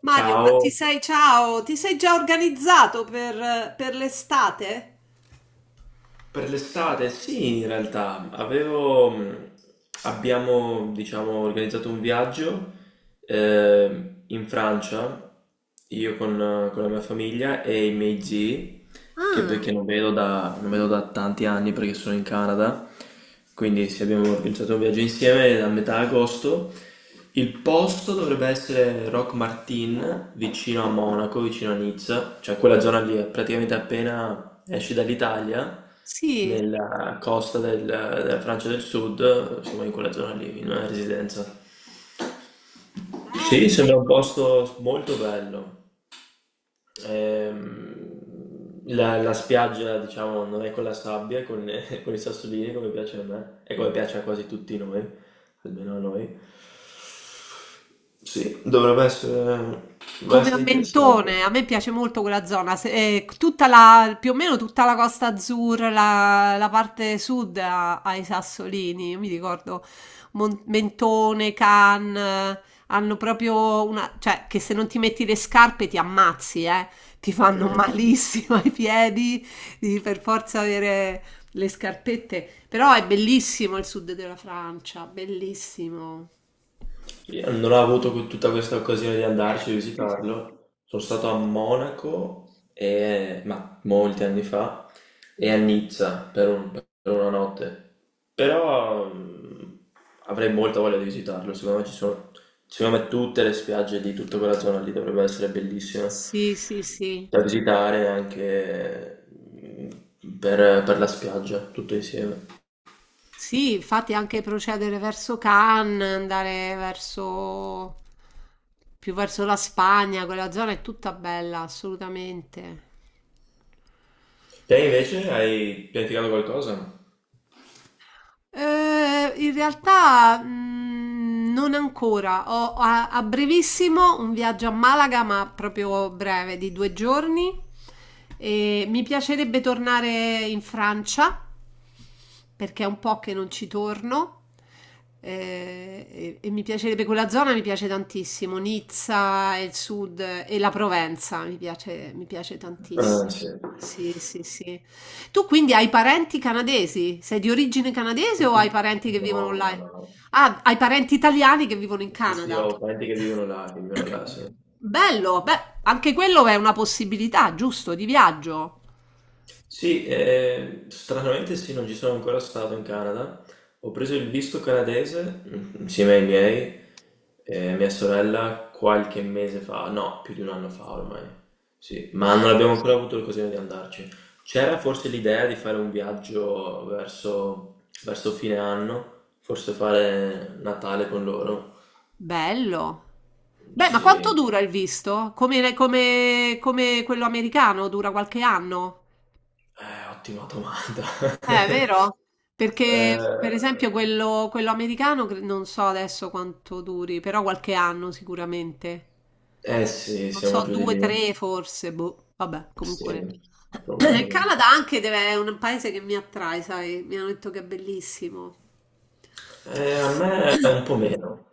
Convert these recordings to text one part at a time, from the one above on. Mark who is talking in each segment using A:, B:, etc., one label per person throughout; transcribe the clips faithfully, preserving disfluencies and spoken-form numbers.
A: Mario, ma ti
B: Ciao,
A: sei, ciao, ti sei già organizzato per, per l'estate?
B: per l'estate? Sì, in realtà avevo, mh, abbiamo, diciamo, organizzato un viaggio eh, in Francia, io con, con la mia famiglia e i miei zii, che perché non vedo da, non vedo da tanti anni perché sono in Canada, quindi se abbiamo organizzato un viaggio insieme a metà agosto. Il posto dovrebbe essere Rock Martin, vicino a Monaco, vicino a Nizza, cioè quella zona lì, è praticamente appena esci dall'Italia,
A: Sì,
B: nella costa del- della Francia del Sud, insomma in quella zona lì, in una residenza. Sì, sembra un posto molto bello. Ehm, la la spiaggia, diciamo, non è con la sabbia, è con è con i sassolini come piace a me e come piace a quasi tutti noi, almeno a noi. Sì, dovrebbe essere, dovrebbe
A: come a
B: essere interessante.
A: Mentone, a me piace molto quella zona, se- eh, tutta la, più o meno tutta la Costa Azzurra, la, la parte sud ha, ha i sassolini, io mi ricordo Mon- Mentone, Cannes, hanno proprio una, cioè che se non ti metti le scarpe ti ammazzi, eh, ti fanno
B: Mm.
A: malissimo ai piedi, devi per forza avere le scarpette, però è bellissimo il sud della Francia, bellissimo.
B: Io non ho avuto que- tutta questa occasione di andarci a visitarlo. Sono stato a Monaco, e- ma molti anni fa, e a Nizza per, un- per una notte. Però mm, avrei molta voglia di visitarlo. Secondo me ci sono, secondo me tutte le spiagge di tutta quella zona lì dovrebbero essere bellissime
A: Sì, sì, sì.
B: da visitare anche mm, per, per la spiaggia, tutto insieme.
A: Sì, infatti anche procedere verso Cannes, andare verso più verso la Spagna, quella zona è tutta bella, assolutamente.
B: Te invece hai pianificato qualcosa?
A: Eh, in realtà mm, non ancora. Ho a, a brevissimo un viaggio a Malaga, ma proprio breve, di due giorni. E mi piacerebbe tornare in Francia perché è un po' che non ci torno, eh, e, e mi piacerebbe quella zona, mi piace tantissimo, Nizza e il sud, eh, e la Provenza, mi piace, mi piace
B: Ah,
A: tantissimo.
B: sì.
A: Sì, sì, sì. Tu quindi hai parenti canadesi? Sei di origine canadese o hai, sì, parenti che
B: No,
A: vivono là?
B: no, no.
A: Ah, hai parenti italiani che vivono in, sì,
B: Sì, sì,
A: Canada.
B: ho parenti che vivono là, che vivono là, sì.
A: Bello, beh, anche quello è una possibilità, giusto, di viaggio.
B: Sì, eh, stranamente sì, non ci sono ancora stato in Canada. Ho preso il visto canadese mm, insieme ai miei, e mia sorella qualche mese fa, no, più di un anno fa ormai. Sì, ma non abbiamo ancora avuto l'occasione di andarci. C'era forse l'idea di fare un viaggio verso, verso fine anno, forse fare Natale con loro.
A: Bello. Beh, ma quanto
B: Sì.
A: dura il visto? Come, come- come quello americano, dura qualche anno?
B: Eh, ottima domanda.
A: Eh, vero? Perché, per esempio,
B: Eh,
A: quello, quello americano cre- non so adesso quanto duri, però qualche anno sicuramente.
B: eh sì,
A: Non
B: siamo
A: so,
B: giù di
A: due, tre
B: lì.
A: forse, boh. Vabbè, comunque.
B: Sì,
A: Il
B: probabile.
A: Canada anche deve- è un paese che mi attrae, sai? Mi hanno detto che è bellissimo.
B: Eh, a me è un po' meno.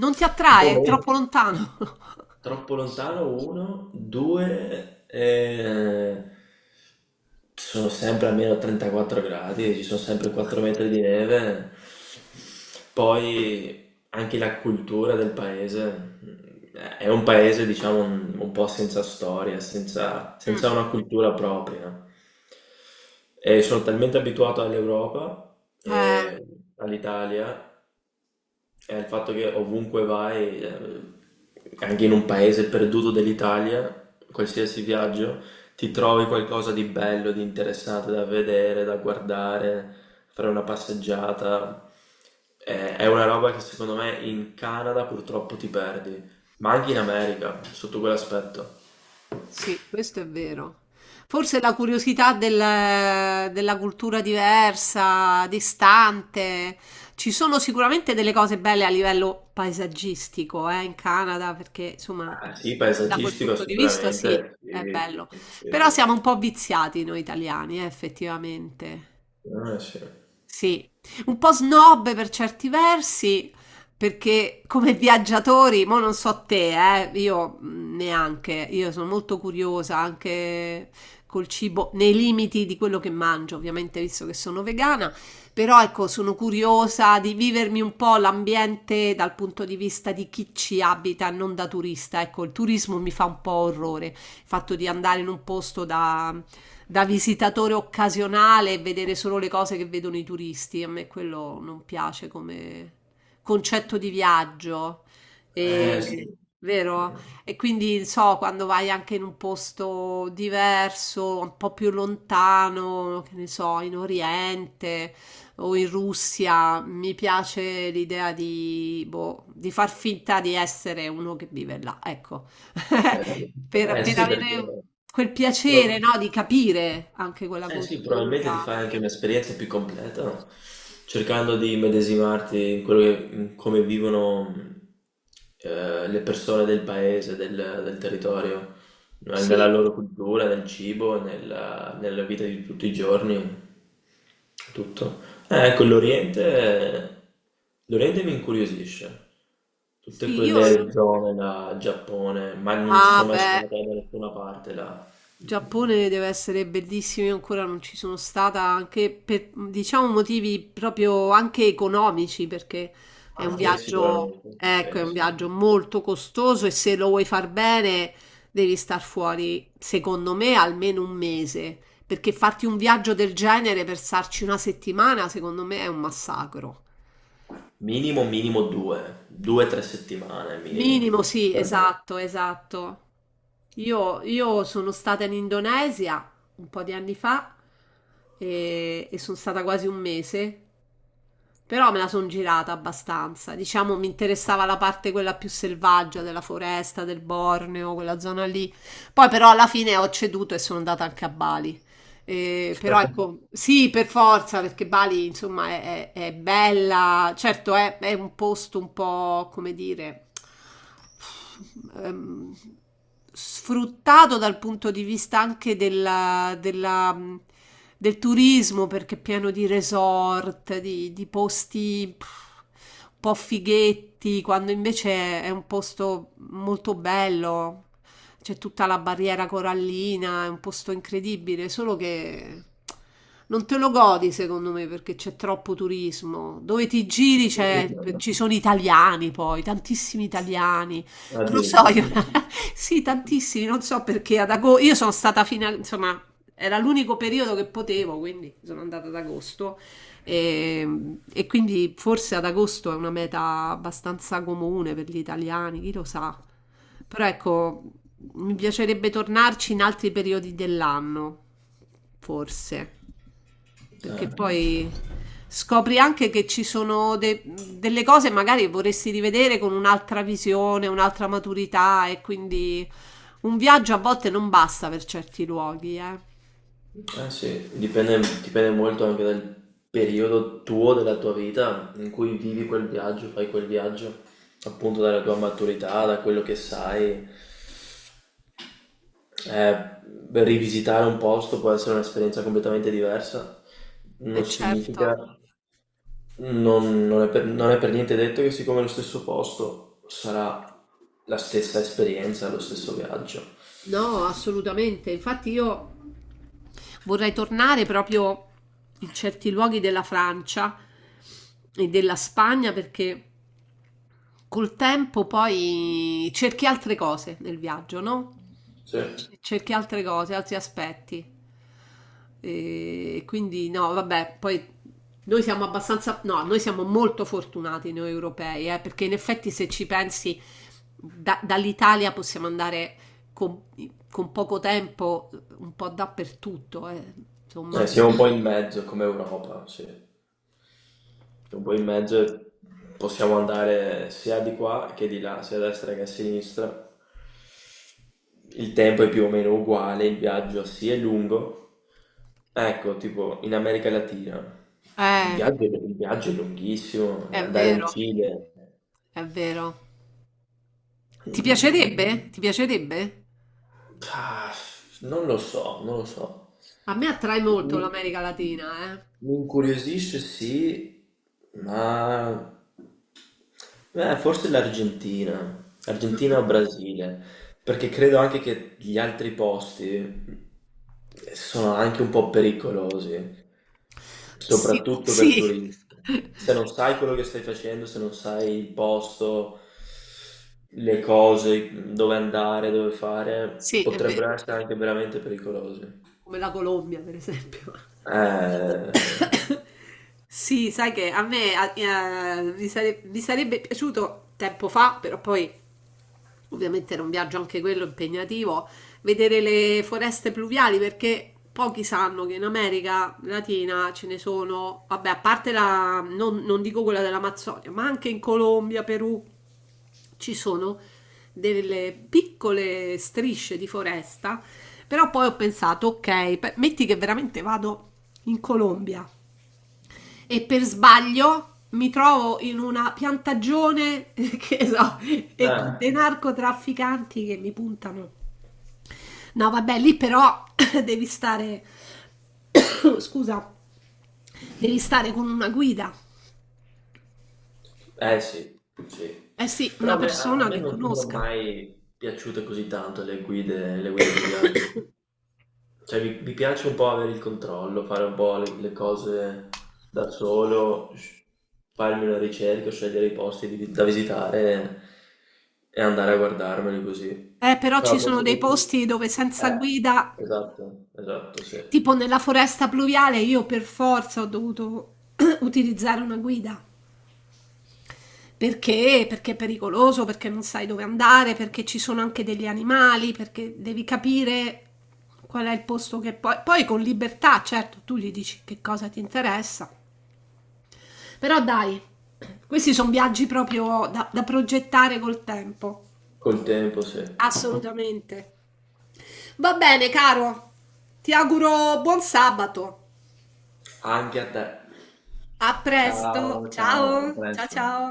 A: Non ti
B: Un po'
A: attrae? È
B: meno.
A: troppo lontano.
B: Troppo lontano, uno, due, eh, sono sempre almeno trentaquattro gradi, ci sono sempre quattro metri di neve. Poi anche la cultura del paese. eh, È un paese, diciamo, un, un po' senza storia, senza,
A: Mm.
B: senza una cultura propria. E sono talmente abituato all'Europa
A: Eh,
B: e all'Italia è il fatto che ovunque vai, eh, anche in un paese perduto dell'Italia, qualsiasi viaggio, ti trovi qualcosa di bello, di interessante da vedere, da guardare, fare una passeggiata. Eh, È una roba che secondo me in Canada purtroppo ti perdi, ma anche in America, sotto quell'aspetto.
A: Sì, questo è vero. Forse la curiosità del- della cultura diversa, distante. Ci sono sicuramente delle cose belle a livello paesaggistico, eh, in Canada, perché insomma,
B: Ah, sì,
A: da quel
B: paesaggistico
A: punto di vista sì,
B: sicuramente,
A: è
B: sì,
A: bello. Però
B: sì.
A: siamo un po' viziati noi italiani, eh, effettivamente.
B: Ah, sì.
A: Sì, un po' snob per certi versi, perché come viaggiatori, mo non so te, eh, io mh, neanche, io sono molto curiosa anche col cibo, nei limiti di quello che mangio, ovviamente, visto che sono vegana, però ecco, sono curiosa di vivermi un po' l'ambiente dal punto di vista di chi ci abita, non da turista. Ecco, il turismo mi fa un po' orrore, il fatto di andare in un posto da, da visitatore occasionale e vedere solo le cose che vedono i turisti. A me quello non piace come concetto di viaggio. Mm.
B: Eh sì.
A: E, vero? E quindi so, quando vai anche in un posto diverso, un po' più lontano, che ne so, in Oriente o in Russia, mi piace l'idea di, boh, di far finta di essere uno che vive là, ecco, per,
B: Eh, eh,
A: per
B: sì, perché
A: avere quel piacere,
B: tro-
A: no, di capire anche quella
B: Eh sì, probabilmente ti
A: cultura.
B: fai anche un'esperienza più completa, no? Cercando di immedesimarti in quello che, in come vivono mh, eh, le persone del paese, del, del territorio, no? Nella
A: Sì,
B: loro cultura, nel cibo, nella, nella vita di tutti i giorni, tutto. Eh, ecco, l'Oriente, l'Oriente mi incuriosisce. Tutte
A: sì, io...
B: quelle zone da Giappone, ma non ci
A: Ah,
B: sono mai
A: beh.
B: stato da nessuna parte là.
A: Giappone deve essere bellissimo, io ancora non ci sono stata anche per diciamo motivi proprio anche economici, perché è un
B: Anche
A: viaggio,
B: sicuramente, sì,
A: ecco, è un
B: sì.
A: viaggio molto costoso e se lo vuoi far bene devi star fuori, secondo me, almeno un mese, perché farti un viaggio del genere per starci una settimana, secondo me è un massacro.
B: Minimo, minimo due, due, tre settimane minimo.
A: Minimo, sì,
B: Per me.
A: esatto, esatto. Io, io sono stata in Indonesia un po' di anni fa e, e sono stata quasi un mese, però me la sono girata abbastanza. Diciamo, mi interessava la parte quella più selvaggia della foresta, del Borneo, quella zona lì. Poi però alla fine ho ceduto e sono andata anche a Bali. Eh, però ecco, sì, per forza, perché Bali, insomma, è, è- è bella, certo è, è un posto un po', come dire, ehm, sfruttato dal punto di vista anche della- della, mh, del turismo, perché è pieno di resort, di, di posti pff, un po' fighetti, quando invece è un posto molto bello, c'è tutta la barriera corallina, è un posto incredibile, solo che non te lo godi secondo me perché c'è troppo turismo. Dove ti giri c'è- ci sono italiani poi, tantissimi italiani. Non lo so,
B: Addirittura.
A: io, sì, tantissimi, non so perché ad agosto, io sono stata fino a, insomma, era l'unico periodo che potevo, quindi sono andata ad agosto. E, e quindi forse ad agosto è una meta abbastanza comune per gli italiani, chi lo sa. Però ecco, mi piacerebbe tornarci in altri periodi dell'anno, forse, perché
B: Eh,
A: poi scopri anche che ci sono de- delle cose magari che vorresti rivedere con un'altra visione, un'altra maturità e quindi un viaggio a volte non basta per certi luoghi, eh.
B: eh sì, dipende, dipende molto anche dal periodo tuo della tua vita in cui vivi quel viaggio, fai quel viaggio, appunto dalla tua maturità, da quello che sai. Eh, rivisitare un posto può essere un'esperienza completamente diversa,
A: E
B: non
A: certo.
B: significa Non, non è per, non è per niente detto che siccome è lo stesso posto sarà la stessa esperienza, lo stesso viaggio.
A: No, assolutamente. Infatti io vorrei tornare proprio in certi luoghi della Francia e della Spagna perché col tempo poi cerchi altre cose nel viaggio, no?
B: Sì. Eh,
A: Cerchi altre cose, altri aspetti. E quindi no, vabbè, poi noi siamo abbastanza, no, noi siamo molto fortunati noi europei, eh, perché in effetti se ci pensi da- dall'Italia possiamo andare con, con poco tempo un po' dappertutto, eh, insomma.
B: siamo un po' in mezzo come Europa, sì. Siamo un po' in mezzo e possiamo andare sia di qua che di là, sia a destra che a sinistra. Il tempo è più o meno uguale, il viaggio sì è lungo. Ecco, tipo in America Latina il
A: Eh,
B: viaggio, il viaggio è lunghissimo,
A: è
B: andare in
A: vero,
B: Cile.
A: è vero. Ti
B: mm,
A: piacerebbe? Ti piacerebbe?
B: Ah, non lo so, non lo so.
A: A me attrae molto
B: Mi,
A: l'America Latina, eh.
B: mi incuriosisce sì, ma eh, forse l'Argentina,
A: Mm-mm.
B: Argentina o Brasile, perché credo anche che gli altri posti sono anche un po' pericolosi,
A: Sicu-
B: soprattutto
A: sì,
B: per turisti. Se non sai quello che stai facendo, se non sai il posto, le cose, dove andare, dove fare,
A: sì, è vero,
B: potrebbero essere anche veramente pericolosi.
A: come la Colombia, per esempio.
B: Eh,
A: Sì, sai che a me eh, mi, sare- mi sarebbe piaciuto tempo fa, però poi ovviamente era un viaggio anche quello impegnativo, vedere le foreste pluviali perché pochi sanno che in America Latina ce ne sono, vabbè, a parte la, non, non dico quella dell'Amazzonia, ma anche in Colombia, Perù, ci sono delle piccole strisce di foresta. Però poi ho pensato, ok, pe- metti che veramente vado in Colombia e per sbaglio mi trovo in una piantagione, che so, e con
B: eh,
A: dei narcotrafficanti che mi puntano. No, vabbè, lì però devi stare, scusa, devi stare con una guida.
B: eh sì, sì.
A: Eh sì,
B: Però
A: una
B: a me, a
A: persona
B: me
A: che
B: non sono
A: conosca.
B: mai piaciute così tanto le guide, le guide di viaggio. Cioè vi, vi piace un po' avere il controllo, fare un po' le, le cose da solo, s- farmi una ricerca, scegliere i posti di- da visitare e, andare a guardarmeli così.
A: Eh, però ci
B: Però
A: sono
B: forse...
A: dei
B: de-
A: posti dove senza
B: Eh,
A: guida...
B: esatto, esatto, sì.
A: Tipo nella foresta pluviale io per forza ho dovuto utilizzare una guida. Perché? Perché è pericoloso, perché non sai dove andare, perché ci sono anche degli animali, perché devi capire qual è il posto che poi... Poi con libertà, certo, tu gli dici che cosa ti interessa. Però dai, questi sono viaggi proprio da, da progettare col tempo.
B: Col tempo, sì.
A: Assolutamente. Va bene, caro. Ti auguro buon sabato.
B: Anche a te.
A: A presto.
B: Ciao, ciao, a
A: Ciao. Ciao
B: presto.
A: ciao.